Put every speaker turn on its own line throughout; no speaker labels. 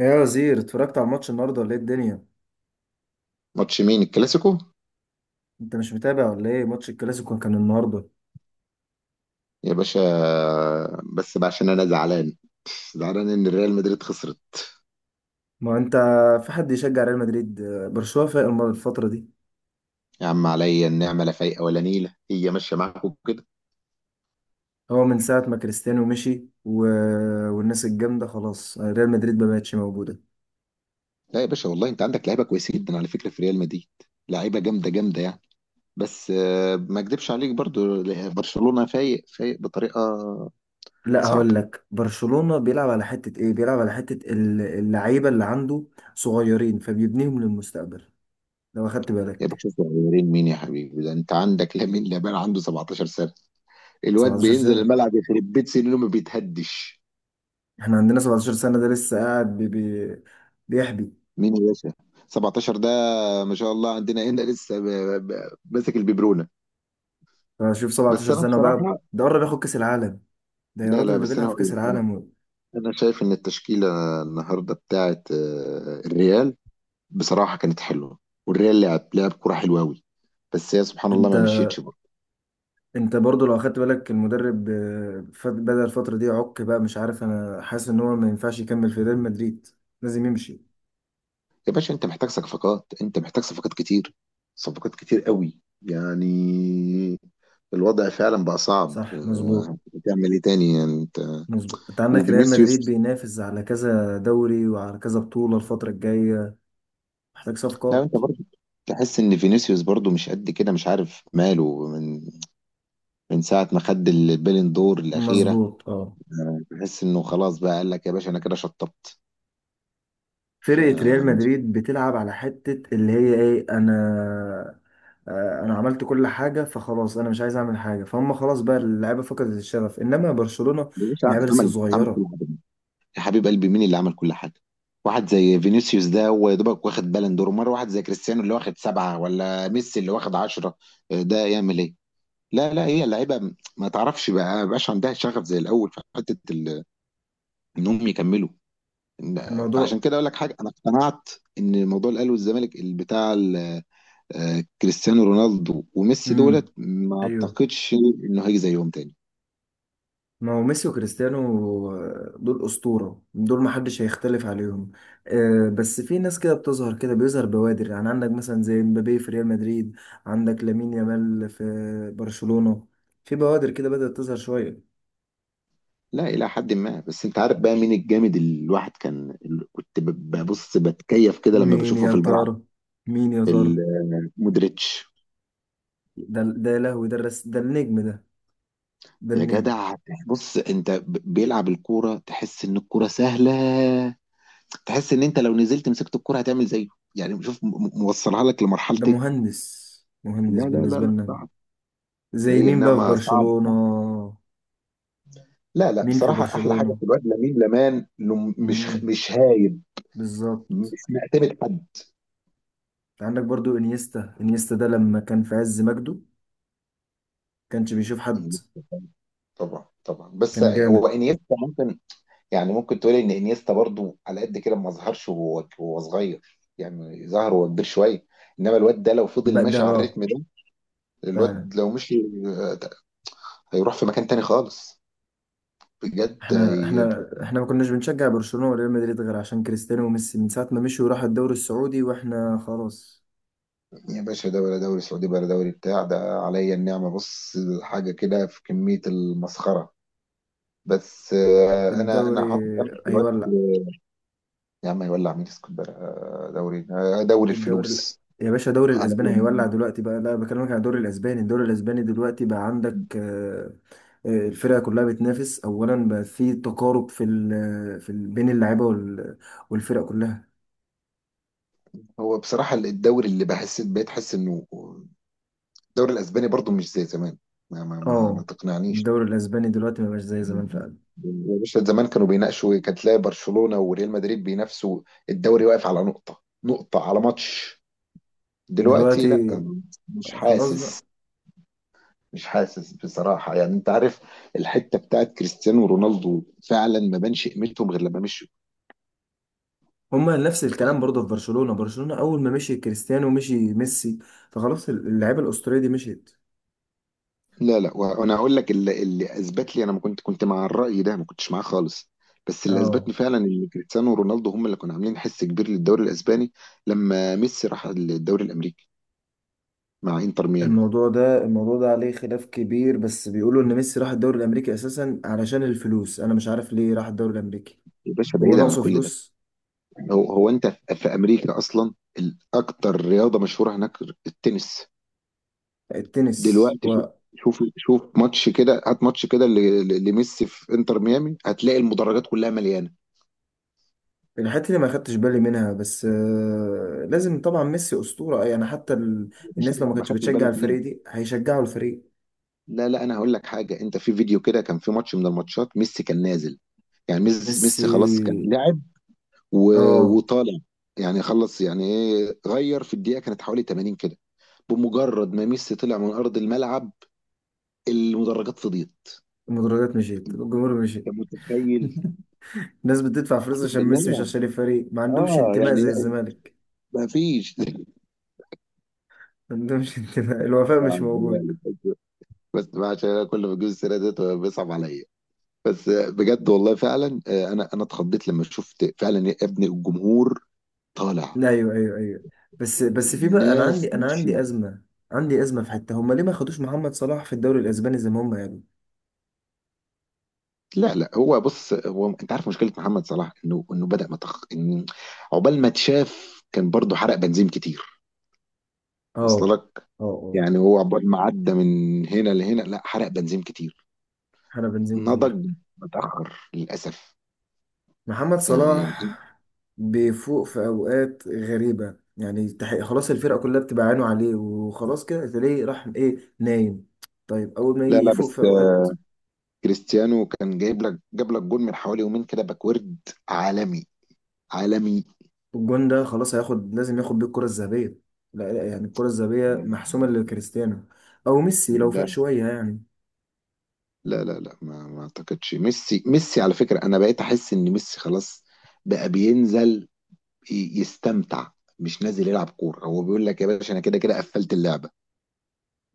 ايه يا وزير، اتفرجت على الماتش النهارده ولا ايه الدنيا؟
ماتش مين؟ الكلاسيكو؟
انت مش متابع ولا ايه؟ ماتش الكلاسيكو كان النهارده.
يا باشا، بس بقى عشان انا زعلان، زعلان ان الريال مدريد خسرت.
ما انت، في حد يشجع ريال مدريد؟ برشلونة فايق الفترة دي.
يا عم عليا النعمه لا فايقه ولا نيله، هي ماشيه معاكم كده.
هو من ساعة ما كريستيانو مشي والناس الجامدة، خلاص ريال مدريد ما بقتش موجودة.
لا يا باشا والله انت عندك لعيبه كويسه جدا على فكره في ريال مدريد، لعيبه جامده يعني. بس ما اكدبش عليك برضو، برشلونه فايق بطريقه
لا، هقول
صعبه.
لك برشلونة بيلعب على حتة ايه، بيلعب على حتة اللعيبة اللي عنده صغيرين فبيبنيهم للمستقبل. لو اخدت
يا
بالك
باشا صغيرين مين يا حبيبي؟ ده انت عندك لامين يامال عنده 17 سنه، الواد
17
بينزل
سنة.
الملعب يخرب بيت سنينه ما بيتهدش.
احنا عندنا 17 سنة ده لسه قاعد بيحبي.
مين يا باشا؟ 17 ده؟ ما شاء الله عندنا هنا لسه ماسك الببرونه.
فشوف
بس
17
انا
سنة بقى،
بصراحه،
ده قرب ياخد كأس العالم. ده يا
لا لا
راجل ده
بس انا
بيلعب في
هقول
كأس
لك، انا
العالم.
انا شايف ان التشكيله النهارده بتاعت الريال بصراحه كانت حلوه، والريال لعب كوره حلوه قوي، بس هي سبحان الله
انت
ما مشيتش برضه.
انت برضو لو اخدت بالك المدرب، بدأ الفترة دي عك بقى، مش عارف، انا حاسس ان هو ما ينفعش يكمل في ريال مدريد، لازم يمشي.
يا باشا انت محتاج صفقات، انت محتاج صفقات كتير، صفقات كتير قوي يعني. الوضع فعلا بقى صعب،
صح، مظبوط.
هتعمل ايه تاني يعني انت؟
مظبوط، انت عندك ريال مدريد
وفينيسيوس،
بينافس على كذا دوري وعلى كذا بطولة الفترة الجاية، محتاج
لا انت
صفقات.
برضه تحس ان فينيسيوس برضه مش قد كده، مش عارف ماله، من ساعه ما خد البالين دور الاخيره
مظبوط، اه.
تحس انه خلاص بقى، قال لك يا باشا انا كده شطبت. ف
فرقة ريال مدريد بتلعب على حتة اللي هي ايه، انا انا عملت كل حاجة، فخلاص انا مش عايز اعمل حاجة، فهم خلاص بقى اللعيبة فقدت الشغف. انما برشلونة
مش عارف،
اللعيبة لسه
عمل كل
صغيرة.
حاجه. يا حبيب قلبي مين اللي عمل كل حاجه؟ واحد زي فينيسيوس ده هو يا دوبك واخد بالون دور مره، واحد زي كريستيانو اللي واخد سبعه ولا ميسي اللي واخد عشرة، ده يعمل ايه؟ لا لا هي اللعيبه ما تعرفش بقى، ما بقاش عندها شغف زي الاول في حته انهم يكملوا. فعشان
الموضوع.
كده اقول لك حاجه، انا اقتنعت ان موضوع الاهلي والزمالك اللي بتاع كريستيانو رونالدو وميسي
امم
دولت ما
ايوه.
اعتقدش انه هيجي زيهم تاني.
ما هو ميسي وكريستيانو، دول أسطورة، دول محدش هيختلف عليهم. بس في ناس كده بتظهر، كده بيظهر بوادر، يعني عندك مثلا زي مبابي في ريال مدريد، عندك لامين يامال في برشلونة. في بوادر كده بدأت تظهر شوية.
لا الى حد ما، بس انت عارف بقى مين الجامد اللي الواحد كان، اللي كنت ببص بتكيف كده لما
مين
بشوفه
يا
في الملعب؟
ترى؟ مين يا ترى؟
ال- مودريتش.
ده يا لهوي، ده الرس، ده النجم ده، ده
يا
النجم.
جدع بص انت بيلعب الكوره تحس ان الكوره سهله، تحس ان انت لو نزلت مسكت الكوره هتعمل زيه، يعني شوف موصلها لك لمرحله
ده
ايه.
مهندس،
لا
مهندس
لا لا
بالنسبة
لا
لنا.
صعب،
زي
علي
مين بقى في
النعمة صعب.
برشلونة؟
لا لا
مين في
بصراحة أحلى حاجة
برشلونة؟
في الواد لامين لمان إنه مش
مم.
مش هايب،
بالظبط.
مش معتمد حد.
انت عندك برضو انيستا، انيستا ده لما كان في عز مجده كانش بيشوف حد،
طبعا طبعا، بس
كان
هو
جامد.
انيستا ممكن، يعني ممكن تقولي ان انيستا برضو على قد كده ما ظهرش وهو وهو صغير، يعني ظهر وهو كبير شويه، انما الواد ده لو فضل
بقى ده،
ماشي على
اه،
الريتم ده،
فعلا.
الواد لو مشي، آه، هيروح في مكان تاني خالص، بجد
احنا
هيبقى.
احنا احنا ما كناش بنشجع برشلونة وريال مدريد غير عشان كريستيانو وميسي. من ساعة ما مشوا وراحوا الدوري السعودي، واحنا خلاص.
يا باشا ده ولا دوري سعودي ولا دوري بتاع ده، عليا النعمه بص حاجه كده في كميه المسخره. بس انا
الدوري
انا حاطط امل في الوقت.
هيولع.
يا عم هيولع مين؟ اسكندريه؟ دوري، دوري
الدوري
الفلوس
يا باشا، الدوري
على
الاسباني هيولع
اليمين.
دلوقتي بقى. لا، بكلمك عن الدوري الاسباني. الدوري الاسباني دلوقتي بقى عندك، الفرقه كلها بتنافس اولا بقى. في تقارب في بين اللعيبه والفرق كلها.
هو بصراحه الدوري اللي بحس، بقيت احس انه الدوري الاسباني برضو مش زي زمان. ما
اه،
تقنعنيش.
الدوري الاسباني دلوقتي ما بقاش زي زمان فعلا.
يا باشا زمان كانوا بيناقشوا، كانت تلاقي برشلونه وريال مدريد بينافسوا، الدوري واقف على نقطه، نقطه على ماتش، دلوقتي لا،
دلوقتي
مش
خلاص بقى.
حاسس، مش حاسس بصراحة، يعني انت عارف الحتة بتاعت كريستيانو رونالدو فعلا ما بانش قيمتهم غير لما مشوا.
هما نفس
ف...
الكلام برضه في برشلونه، برشلونه اول ما مشي كريستيانو مشي ميسي، فخلاص اللعيبه الاسطوريه دي مشيت.
لا لا وانا هقول لك اللي، اللي اثبت لي، انا ما كنت مع الرأي ده، ما كنتش معاه خالص، بس اللي
اه.
اثبتني فعلا ان كريستيانو رونالدو هم اللي كانوا عاملين حس كبير للدوري الاسباني لما ميسي راح الدوري الامريكي مع انتر ميامي.
الموضوع ده عليه خلاف كبير، بس بيقولوا ان ميسي راح الدوري الامريكي اساسا علشان الفلوس. انا مش عارف ليه راح الدوري الامريكي.
يا باشا
هو
بعيد عن
ناقصه
كل ده،
فلوس؟
هو انت في امريكا اصلا الاكتر رياضة مشهورة هناك التنس.
التنس.
دلوقتي شوف، شوف ماتش كده، هات ماتش كده لميسي في انتر ميامي هتلاقي المدرجات كلها مليانه.
والحته اللي ما خدتش بالي منها، بس لازم طبعا ميسي اسطوره يعني. حتى
يا باشا
الناس لو
ما
ما
ما
كانتش
خدتش
بتشجع
بالك ليه؟
الفريق دي هيشجعوا الفريق.
لا لا انا هقول لك حاجه، انت في فيديو كده كان في ماتش من الماتشات، ميسي كان نازل، يعني ميسي
ميسي.
خلاص كان لاعب
اه.
وطالع، يعني خلص، يعني ايه غير في الدقيقه كانت حوالي 80 كده، بمجرد ما ميسي طلع من ارض الملعب المدرجات فضيت،
المدرجات مشيت، الجمهور
انت
مشيت.
متخيل؟
الناس بتدفع فلوس
اقسم
عشان ميسي، مش
بالله.
عشان الفريق. ما عندهمش
اه
انتماء
يعني
زي الزمالك.
ما فيش.
ما عندهمش انتماء، الوفاء مش موجود.
بس عشان انا كل ما اجيب السيره ديت بيصعب عليا، بس بجد والله فعلا، انا اتخضيت لما شفت فعلا يا ابني الجمهور طالع،
لا، ايوه، ايوه، ايوه. بس في بقى، انا عندي
الناس
انا
ماشيه.
عندي ازمه، عندي ازمه في حته. هم ليه ما خدوش محمد صلاح في الدوري الاسباني زي ما هم يعني؟
لا لا هو بص، هو انت عارف مشكله محمد صلاح انه بدا متخ، عقبال ما اتشاف كان برضه حرق بنزين كتير،
اه،
وصل لك؟
اه، اه.
يعني هو عقبال ما عدى من هنا لهنا لا، حرق بنزين كتير،
احنا بنزين كتير.
نضج متاخر للاسف
محمد صلاح
يعني.
بيفوق في اوقات غريبه يعني، خلاص الفرقه كلها بتبقى عينه عليه وخلاص، كده تلاقيه راح ايه، نايم. طيب اول ما
لا
يجي
لا
يفوق
بس
في اوقات،
كريستيانو كان جايب لك، جاب لك جول من حوالي يومين كده، باكورد عالمي، عالمي.
الجون ده خلاص هياخد، لازم ياخد بيه الكره الذهبيه. لا، لا، يعني الكره الذهبيه محسومه لكريستيانو او ميسي لو فاق
ده
شويه يعني.
لا لا لا ما ما اعتقدش، ميسي، ميسي على فكرة انا بقيت احس ان ميسي خلاص بقى بينزل يستمتع، مش نازل يلعب كورة، هو بيقول لك يا باشا انا كده كده قفلت اللعبة.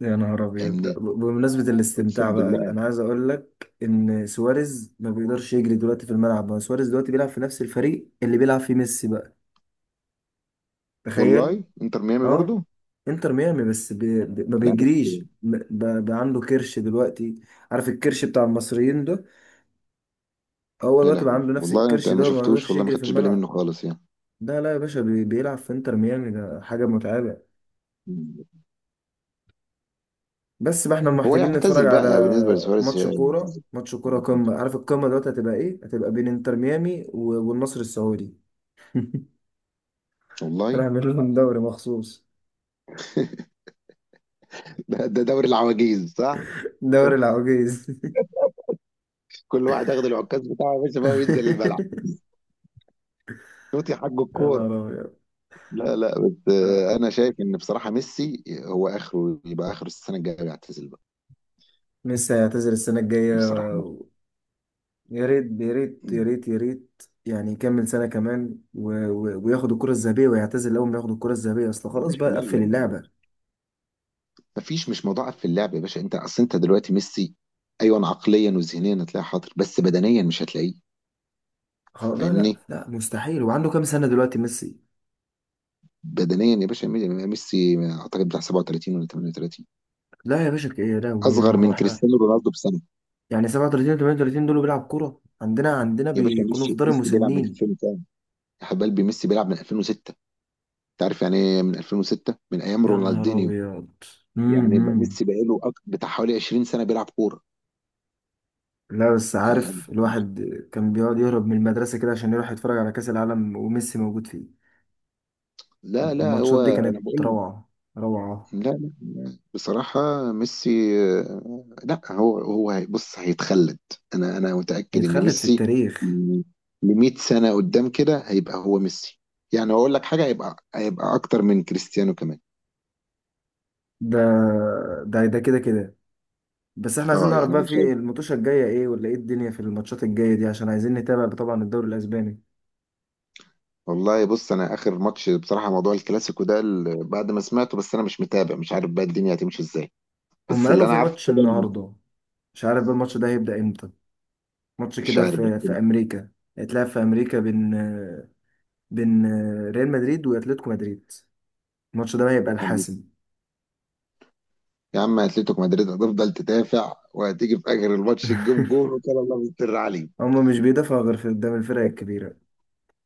يا نهار أبيض.
فاهمني؟
بمناسبة الاستمتاع
اقسم
بقى،
بالله.
أنا عايز أقول لك إن سواريز ما بيقدرش يجري دلوقتي في الملعب، ما هو سواريز دلوقتي بيلعب في نفس الفريق اللي بيلعب فيه ميسي بقى. تخيل.
والله انتر ميامي
أه،
برضو.
إنتر ميامي بس ما
لا بس،
بيجريش، بقى عنده كرش دلوقتي. عارف الكرش بتاع المصريين ده، هو
يا
دلوقتي بقى
لهوي
عنده نفس
والله انت
الكرش
ما
ده وما
شفتوش،
بيقدرش
والله ما
يجري في
خدتش بالي منه
الملعب.
خالص يعني.
لا، لا يا باشا، بيلعب في إنتر ميامي، ده حاجة متعبة. بس بقى احنا
هو
محتاجين نتفرج
يعتزل
على
بقى بالنسبة لسواريز،
ماتش كورة.
يعتزل.
ماتش كورة قمة. عارف القمة دلوقتي هتبقى ايه؟ هتبقى بين انتر ميامي والنصر السعودي.
والله.
هنعمل لهم دوري مخصوص.
ده، ده دوري العواجيز صح؟
دوري العواجيز.
كل واحد ياخد العكاز بتاعه يا باشا بقى وينزل الملعب، شوط يا حاج
يا
الكوره.
نهار أبيض.
لا لا بس انا شايف ان بصراحه ميسي هو اخره يبقى اخر السنه الجايه يعتزل بقى
ميسي هيعتزل السنة الجاية؟
بصراحه.
يا ريت، يا ريت، يا
مم.
ريت، يا ريت، يعني يكمل سنة كمان وياخد الكرة الذهبية، ويعتزل أول ما ياخد الكرة الذهبية، أصل
يا
خلاص
باشا
بقى
لا لا
قفل
لا،
اللعبة.
مفيش، مش مضاعف في اللعب يا باشا، انت اصل انت دلوقتي ميسي، ايوه عقليا وذهنيا هتلاقيه حاضر بس بدنيا مش هتلاقيه.
خلاص، لا، لا،
فاهمني؟
لا، مستحيل. وعنده كام سنة دلوقتي ميسي؟
بدنيا يا باشا، ميسي اعتقد بتاع 37 ولا 38،
لا يا باشا، يا لهوي، يا
اصغر
نهار أبيض.
من
احنا
كريستيانو رونالدو بسنه.
يعني 37 و 38 دول بيلعب كورة؟ عندنا، عندنا
يا باشا
بيكونوا في
ميسي
دار
ميسي بيلعب من
المسنين.
2000، حب قلبي ميسي بيلعب من 2006، انت عارف يعني ايه من 2006، من ايام
يا نهار
رونالدينيو،
أبيض.
يعني
امم
ميسي بقاله بتاع حوالي 20 سنه بيلعب كوره
لا بس
يعني.
عارف الواحد كان بيقعد يهرب من المدرسة كده عشان يروح يتفرج على كأس العالم وميسي موجود فيه.
لا لا
الماتشات
هو
دي
انا
كانت
بقول لك،
روعة، روعة.
لا لا بصراحه ميسي، لا هو هو بص هيتخلد، انا متاكد ان
هيتخلد في
ميسي
التاريخ.
ل 100 سنه قدام كده هيبقى هو ميسي، يعني اقول لك حاجه هيبقى، هيبقى اكتر من كريستيانو كمان.
ده ده كده كده. بس احنا عايزين
اه
نعرف
يعني
بقى
انا
في الماتشة الجاية ايه، ولا ايه الدنيا في الماتشات الجاية دي، عشان عايزين نتابع طبعا الدوري الأسباني.
والله بص، انا اخر ماتش بصراحه موضوع الكلاسيكو ده بعد ما سمعته، بس انا مش متابع مش عارف بقى الدنيا هتمشي ازاي،
هم
بس اللي
قالوا
انا
في
عارفه
ماتش
كده
النهاردة، مش عارف بقى الماتش ده هيبدأ امتى. ماتش
مش
كده
عارف بس.
في امريكا. هيتلعب في امريكا بين ريال مدريد واتلتيكو مدريد. الماتش ده هيبقى الحاسم.
يا عم اتلتيكو مدريد هتفضل تدافع وهتيجي في اخر الماتش تجيب جول وكان الله مستر عليه.
هما مش بيدافعوا غير في قدام الفرق الكبيرة.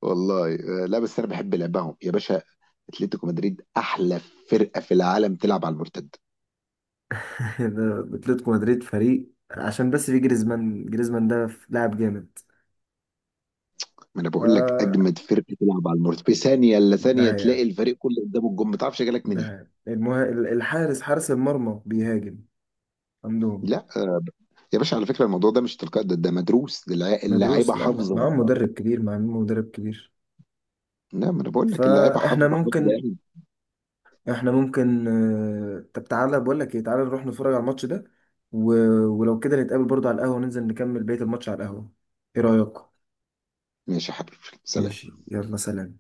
والله لا بس انا بحب لعبهم يا باشا، اتلتيكو مدريد احلى فرقه في العالم تلعب على المرتد.
ده اتلتيكو مدريد فريق عشان بس في جريزمان، جريزمان ده لاعب جامد.
ما انا بقول لك
ف،
اجمد فرقه تلعب على المرتد، في ثانيه الا
ده
ثانيه تلاقي
حقيقة،
الفريق كله قدام الجون ما تعرفش جالك
ده
منين.
حقيقة الحارس، حارس المرمى بيهاجم عندهم.
لا يا باشا على فكرة الموضوع ده مش تلقائي، ده, ده مدروس، ده اللاعيبه
مدروس، لا،
حافظة.
معاهم مدرب كبير، معاهم مدرب كبير.
لا ما انا بقول لك اللاعيبه
فاحنا
حافظة
ممكن،
يعني.
احنا ممكن، طب تعالى بقول لك ايه، تعالى نروح نتفرج على الماتش ده و... ولو كده نتقابل برضه على القهوة، ننزل نكمل بقية الماتش على القهوة. ايه رأيك؟
ماشي يا حبيبي، سلام.
ماشي، يلا، سلام.